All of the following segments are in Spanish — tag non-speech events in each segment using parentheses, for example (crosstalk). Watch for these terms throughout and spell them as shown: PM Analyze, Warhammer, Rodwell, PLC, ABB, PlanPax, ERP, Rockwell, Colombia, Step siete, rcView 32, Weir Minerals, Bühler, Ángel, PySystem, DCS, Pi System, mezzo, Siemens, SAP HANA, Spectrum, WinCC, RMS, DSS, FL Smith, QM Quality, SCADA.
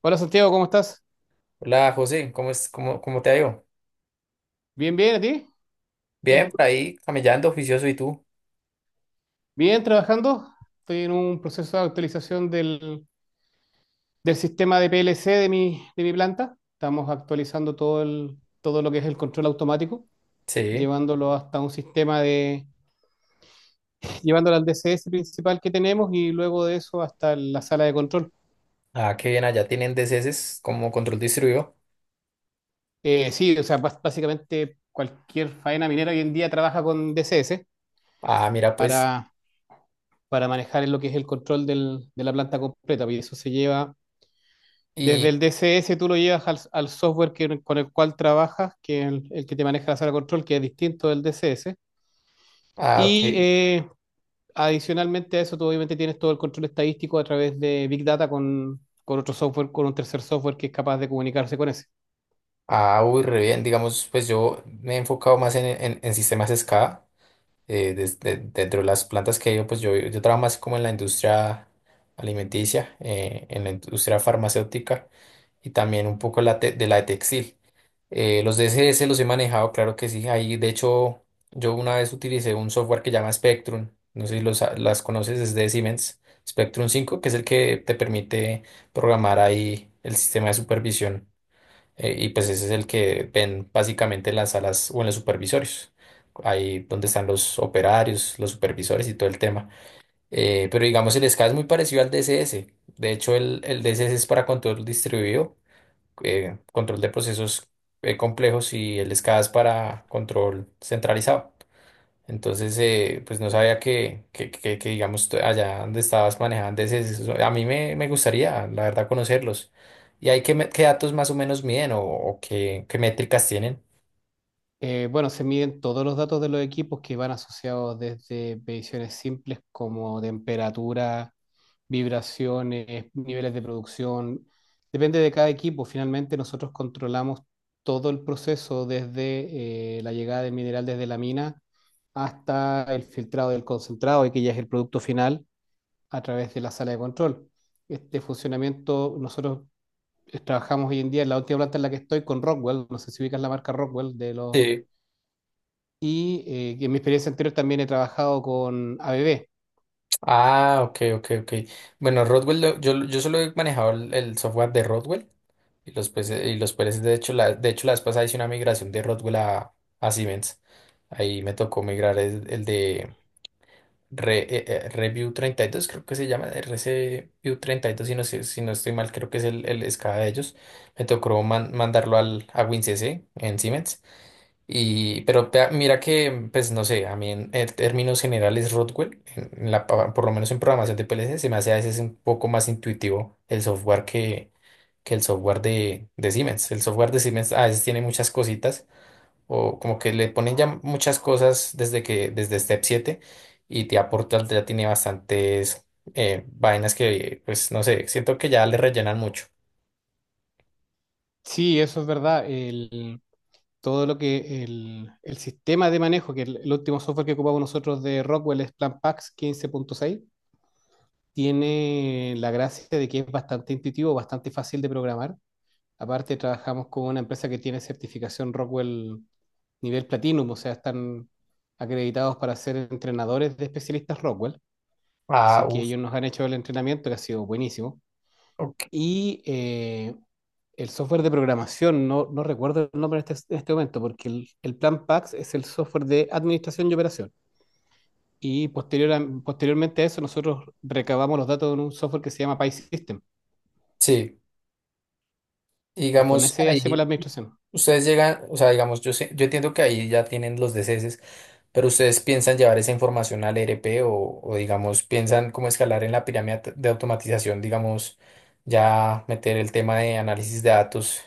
Hola Santiago, ¿cómo estás? Hola José, cómo te ha ido? Bien, bien, ¿a ti? ¿Qué hay? Bien, por ahí camellando, oficioso, ¿y tú? Bien, trabajando. Estoy en un proceso de actualización del sistema de PLC de mi planta. Estamos actualizando todo lo que es el control automático, Sí. llevándolo hasta un sistema de, llevándolo al DCS principal que tenemos y luego de eso hasta la sala de control. Ah, qué bien, allá tienen DCS como control distribuido. Sí, o sea, básicamente cualquier faena minera hoy en día trabaja con DCS Ah, mira, pues, para, para manejar lo que es el control de la planta completa, y eso se lleva. Desde y, el DCS tú lo llevas al software con el cual trabajas, que es el que te maneja la sala de control, que es distinto del DCS. ah, ok. Y eh, Adicionalmente a eso, tú obviamente tienes todo el control estadístico a través de Big Data con otro software, con un tercer software que es capaz de comunicarse con ese. Ah, uy, re bien, digamos, pues yo me he enfocado más en, en sistemas SCADA. Dentro de las plantas que he ido, pues yo trabajo más como en la industria alimenticia, en la industria farmacéutica y también un poco la te- de la de textil. Los DSS los he manejado, claro que sí. Ahí, de hecho, yo una vez utilicé un software que llama Spectrum. No sé si los, las conoces, es de Siemens. Spectrum 5, que es el que te permite programar ahí el sistema de supervisión. Y pues ese es el que ven básicamente en las salas o en los supervisorios. Ahí donde están los operarios, los supervisores y todo el tema. Pero digamos, el SCADA es muy parecido al DSS. De hecho, el DSS es para control distribuido, control de procesos complejos, y el SCADA es para control centralizado. Entonces, pues no sabía que, digamos, allá donde estabas manejando a mí me, gustaría, la verdad, conocerlos. ¿Y qué datos más o menos miden o, qué métricas tienen? Bueno, se miden todos los datos de los equipos que van asociados desde mediciones simples como temperatura, vibraciones, niveles de producción. Depende de cada equipo. Finalmente, nosotros controlamos todo el proceso desde la llegada del mineral desde la mina hasta el filtrado del concentrado, y que ya es el producto final a través de la sala de control. Este funcionamiento, nosotros trabajamos hoy en día en la última planta en la que estoy con Rockwell. No sé si ubicas la marca Rockwell de los. Sí. Que en mi experiencia anterior también he trabajado con ABB. Ah, ok, ok, ok. Bueno, Rodwell, yo, solo he manejado el software de Rodwell de hecho, la vez pasada hice una migración de Rodwell a, Siemens. Ahí me tocó migrar el de Review 32, creo que se llama, r c View 32, si no estoy mal, creo que es el, escala de ellos. Me tocó mandarlo a WinCC en Siemens. Pero mira que, pues no sé, a mí en términos generales Rockwell, por lo menos en programación de PLC, se me hace a veces un poco más intuitivo el software que, el software de Siemens. El software de Siemens a veces tiene muchas cositas o como que le ponen ya muchas cosas desde Step 7, y te aporta, ya tiene bastantes vainas que, pues no sé, siento que ya le rellenan mucho. Sí, eso es verdad. Todo lo que el sistema de manejo, que el último software que ocupamos nosotros de Rockwell es PlanPax 15.6, tiene la gracia de que es bastante intuitivo, bastante fácil de programar. Aparte, trabajamos con una empresa que tiene certificación Rockwell nivel Platinum, o sea, están acreditados para ser entrenadores de especialistas Rockwell. Ah, Así que uff, ellos nos han hecho el entrenamiento, que ha sido buenísimo. ok. y eh, el software de programación, no recuerdo el nombre en este momento, porque el plan PAX es el software de administración y operación. Y posteriormente a eso, nosotros recabamos los datos en un software que se llama PySystem. Sí, y Y con digamos ese hacemos la ahí administración. ustedes llegan, o sea, digamos, yo entiendo que ahí ya tienen los DCS, pero ustedes piensan llevar esa información al ERP, o digamos, piensan cómo escalar en la pirámide de automatización, digamos, ya meter el tema de análisis de datos,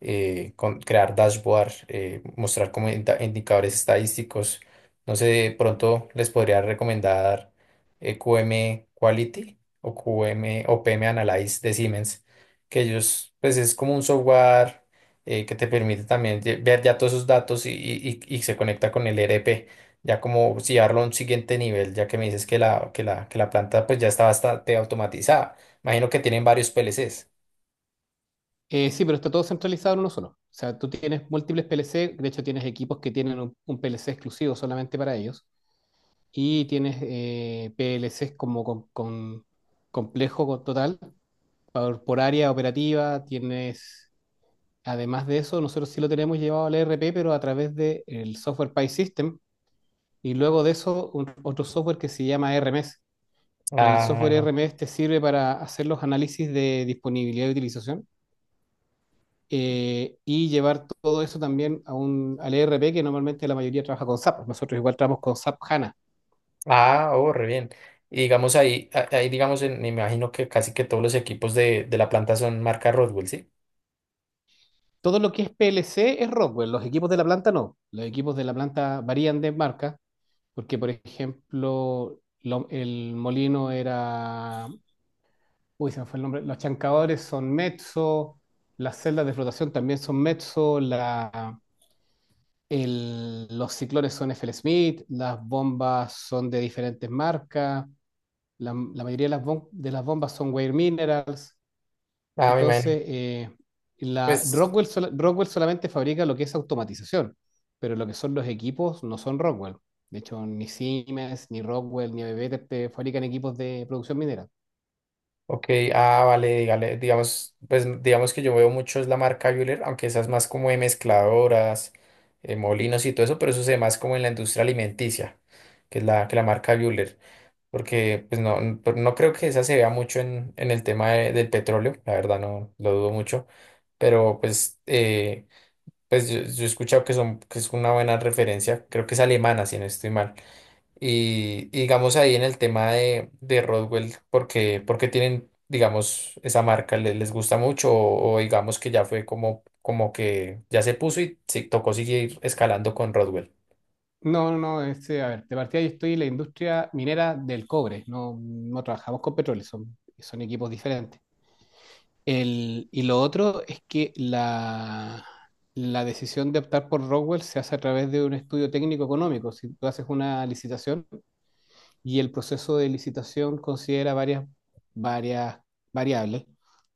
crear dashboard, mostrar como indicadores estadísticos. No sé, de pronto les podría recomendar QM Quality o QM o PM Analyze de Siemens, que ellos, pues es como un software que te permite también ver ya todos esos datos, y, y se conecta con el ERP, ya como si llevarlo a un siguiente nivel, ya que me dices que la, que la, planta pues ya está bastante automatizada. Imagino que tienen varios PLCs. Sí, pero está todo centralizado en uno solo. O sea, tú tienes múltiples PLC, de hecho tienes equipos que tienen un PLC exclusivo solamente para ellos. Y tienes PLCs como con complejo total. Por área operativa tienes, además de eso, nosotros sí lo tenemos llevado al ERP, pero a través del software Pi System y luego de eso otro software que se llama RMS. El software Ah, RMS te sirve para hacer los análisis de disponibilidad y utilización, y llevar todo eso también a al ERP que normalmente la mayoría trabaja con SAP. Nosotros igual trabajamos con SAP HANA. Oh, re bien. Y digamos ahí, ahí digamos, me imagino que casi que todos los equipos de la planta son marca Rodwell, ¿sí? Todo lo que es PLC es Rockwell, los equipos de la planta no. Los equipos de la planta varían de marca. Porque, por ejemplo, el molino era, uy, se me fue el nombre, los chancadores son mezzo, las celdas de flotación también son mezzo, la, los ciclones son FL Smith, las bombas son de diferentes marcas, la mayoría de de las bombas son Weir Minerals, Ah, me imagino. entonces, la, Pues, Rockwell, Rockwell solamente fabrica lo que es automatización, pero lo que son los equipos no son Rockwell. De hecho, ni Siemens, ni Rockwell, ni ABB te fabrican equipos de producción minera. ok, ah, vale, dígale, digamos, pues digamos que yo veo mucho es la marca Bühler, aunque esa es más como de mezcladoras, molinos y todo eso, pero eso se ve más como en la industria alimenticia, que es que la marca Bühler. Porque pues no creo que esa se vea mucho en, el tema del petróleo, la verdad no lo dudo mucho, pero pues pues yo he escuchado que son, que es una buena referencia, creo que es alemana, si no estoy mal. Y digamos ahí en el tema de, Rodwell, porque tienen, digamos, esa marca, ¿les gusta mucho, o digamos que ya fue como que ya se puso y se tocó seguir escalando con Rodwell? No, no, no, este, a ver, de partida yo estoy en la industria minera del cobre, no, no trabajamos con petróleo, son, son equipos diferentes. Y lo otro es que la decisión de optar por Rockwell se hace a través de un estudio técnico económico. Si tú haces una licitación, y el proceso de licitación considera varias variables,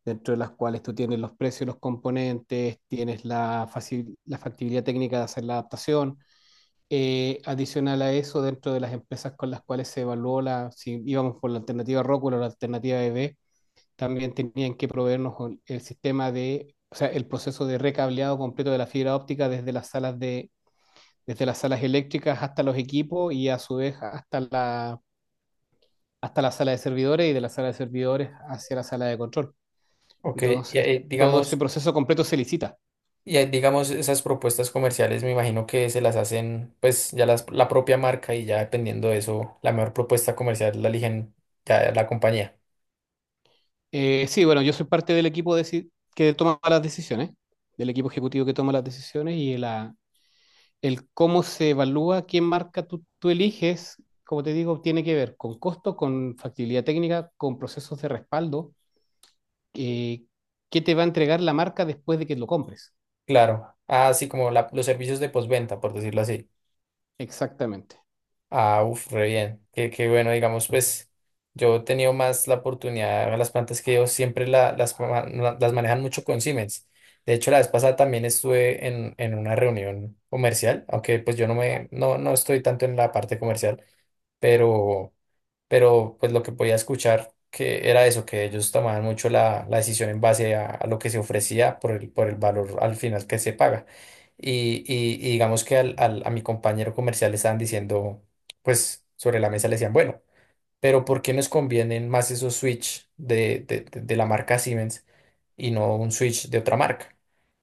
dentro de las cuales tú tienes los precios los componentes, tienes la, la factibilidad técnica de hacer la adaptación. Adicional a eso, dentro de las empresas con las cuales se evaluó la, si íbamos por la alternativa Rockwell o la alternativa EB también tenían que proveernos con el sistema de, o sea, el proceso de recableado completo de la fibra óptica desde las salas de, desde las salas eléctricas hasta los equipos y a su vez hasta la sala de servidores y de la sala de servidores hacia la sala de control. Ok, Entonces, todo ese proceso completo se licita. Digamos, esas propuestas comerciales me imagino que se las hacen, pues ya las, la propia marca, y ya dependiendo de eso, la mejor propuesta comercial la eligen ya la compañía. Sí, bueno, yo soy parte que toma las decisiones, del equipo ejecutivo que toma las decisiones y la, el cómo se evalúa, qué marca tú eliges, como te digo, tiene que ver con costo, con factibilidad técnica, con procesos de respaldo, eh, qué te va a entregar la marca después de que lo compres. Claro, ah, sí, como los servicios de postventa, por decirlo así. Exactamente. Ah, uff, re bien. Qué bueno, digamos, pues yo he tenido más la oportunidad, las plantas que yo siempre las manejan mucho con Siemens. De hecho, la vez pasada también estuve en, una reunión comercial, aunque pues yo no me, no, no estoy tanto en la parte comercial, pero pero pues lo que podía escuchar que era eso, que ellos tomaban mucho la, decisión en base a lo que se ofrecía por el valor al final que se paga. Y digamos que a mi compañero comercial le estaban diciendo, pues sobre la mesa le decían, bueno, pero ¿por qué nos convienen más esos switch de la marca Siemens y no un switch de otra marca?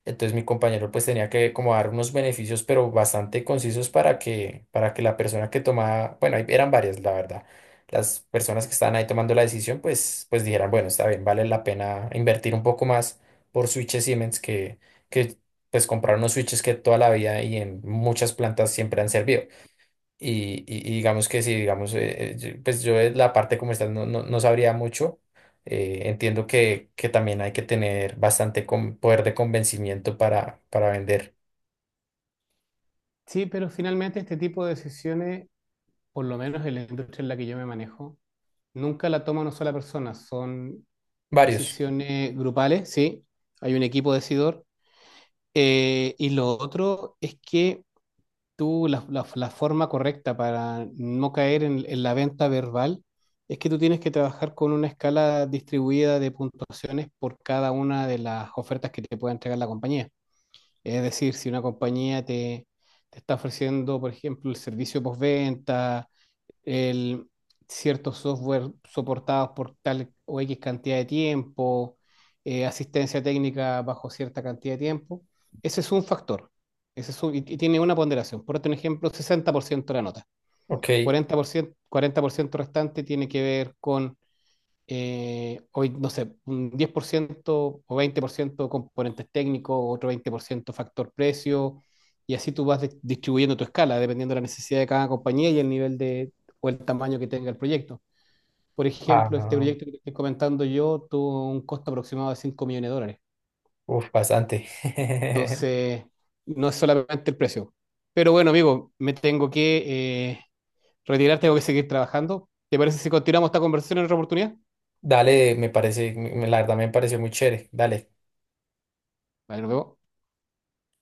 Entonces mi compañero pues tenía que como dar unos beneficios pero bastante concisos para que, la persona que tomaba, bueno, ahí eran varias, la verdad, las personas que estaban ahí tomando la decisión, pues, dijeran, bueno, está bien, vale la pena invertir un poco más por switches Siemens que pues comprar unos switches que toda la vida y en muchas plantas siempre han servido. Y digamos que sí, digamos, pues yo de la parte como está no sabría mucho. Entiendo que, también hay que tener bastante poder de convencimiento para vender Sí, pero finalmente este tipo de decisiones por lo menos en la industria en la que yo me manejo, nunca la toma una sola persona, son varios. decisiones grupales, sí, hay un equipo decidor. Y lo otro es que la forma correcta para no caer en la venta verbal es que tú tienes que trabajar con una escala distribuida de puntuaciones por cada una de las ofertas que te pueda entregar la compañía. Es decir, si una compañía te está ofreciendo, por ejemplo, el servicio postventa, el, ciertos software soportados por tal o X cantidad de tiempo, asistencia técnica bajo cierta cantidad de tiempo. Ese es un factor. Y, y tiene una ponderación. Por otro ejemplo, 60% de la nota. Ok. Cuarenta por ciento 40% restante tiene que ver con hoy, no sé, un 10% o 20% componentes técnicos, otro 20% factor precio, y así tú vas distribuyendo tu escala, dependiendo de la necesidad de cada compañía y el nivel de, o el tamaño que tenga el proyecto. Por ejemplo, este Ah, proyecto que te estoy comentando yo tuvo un costo aproximado de $5 millones. uf, bastante. (laughs) Entonces, no es solamente el precio. Pero bueno, amigo, me tengo que retirar, tengo que seguir trabajando. ¿Te parece si continuamos esta conversación en otra oportunidad? Dale, me parece, la verdad me pareció muy chévere. Dale. Vale, nos vemos.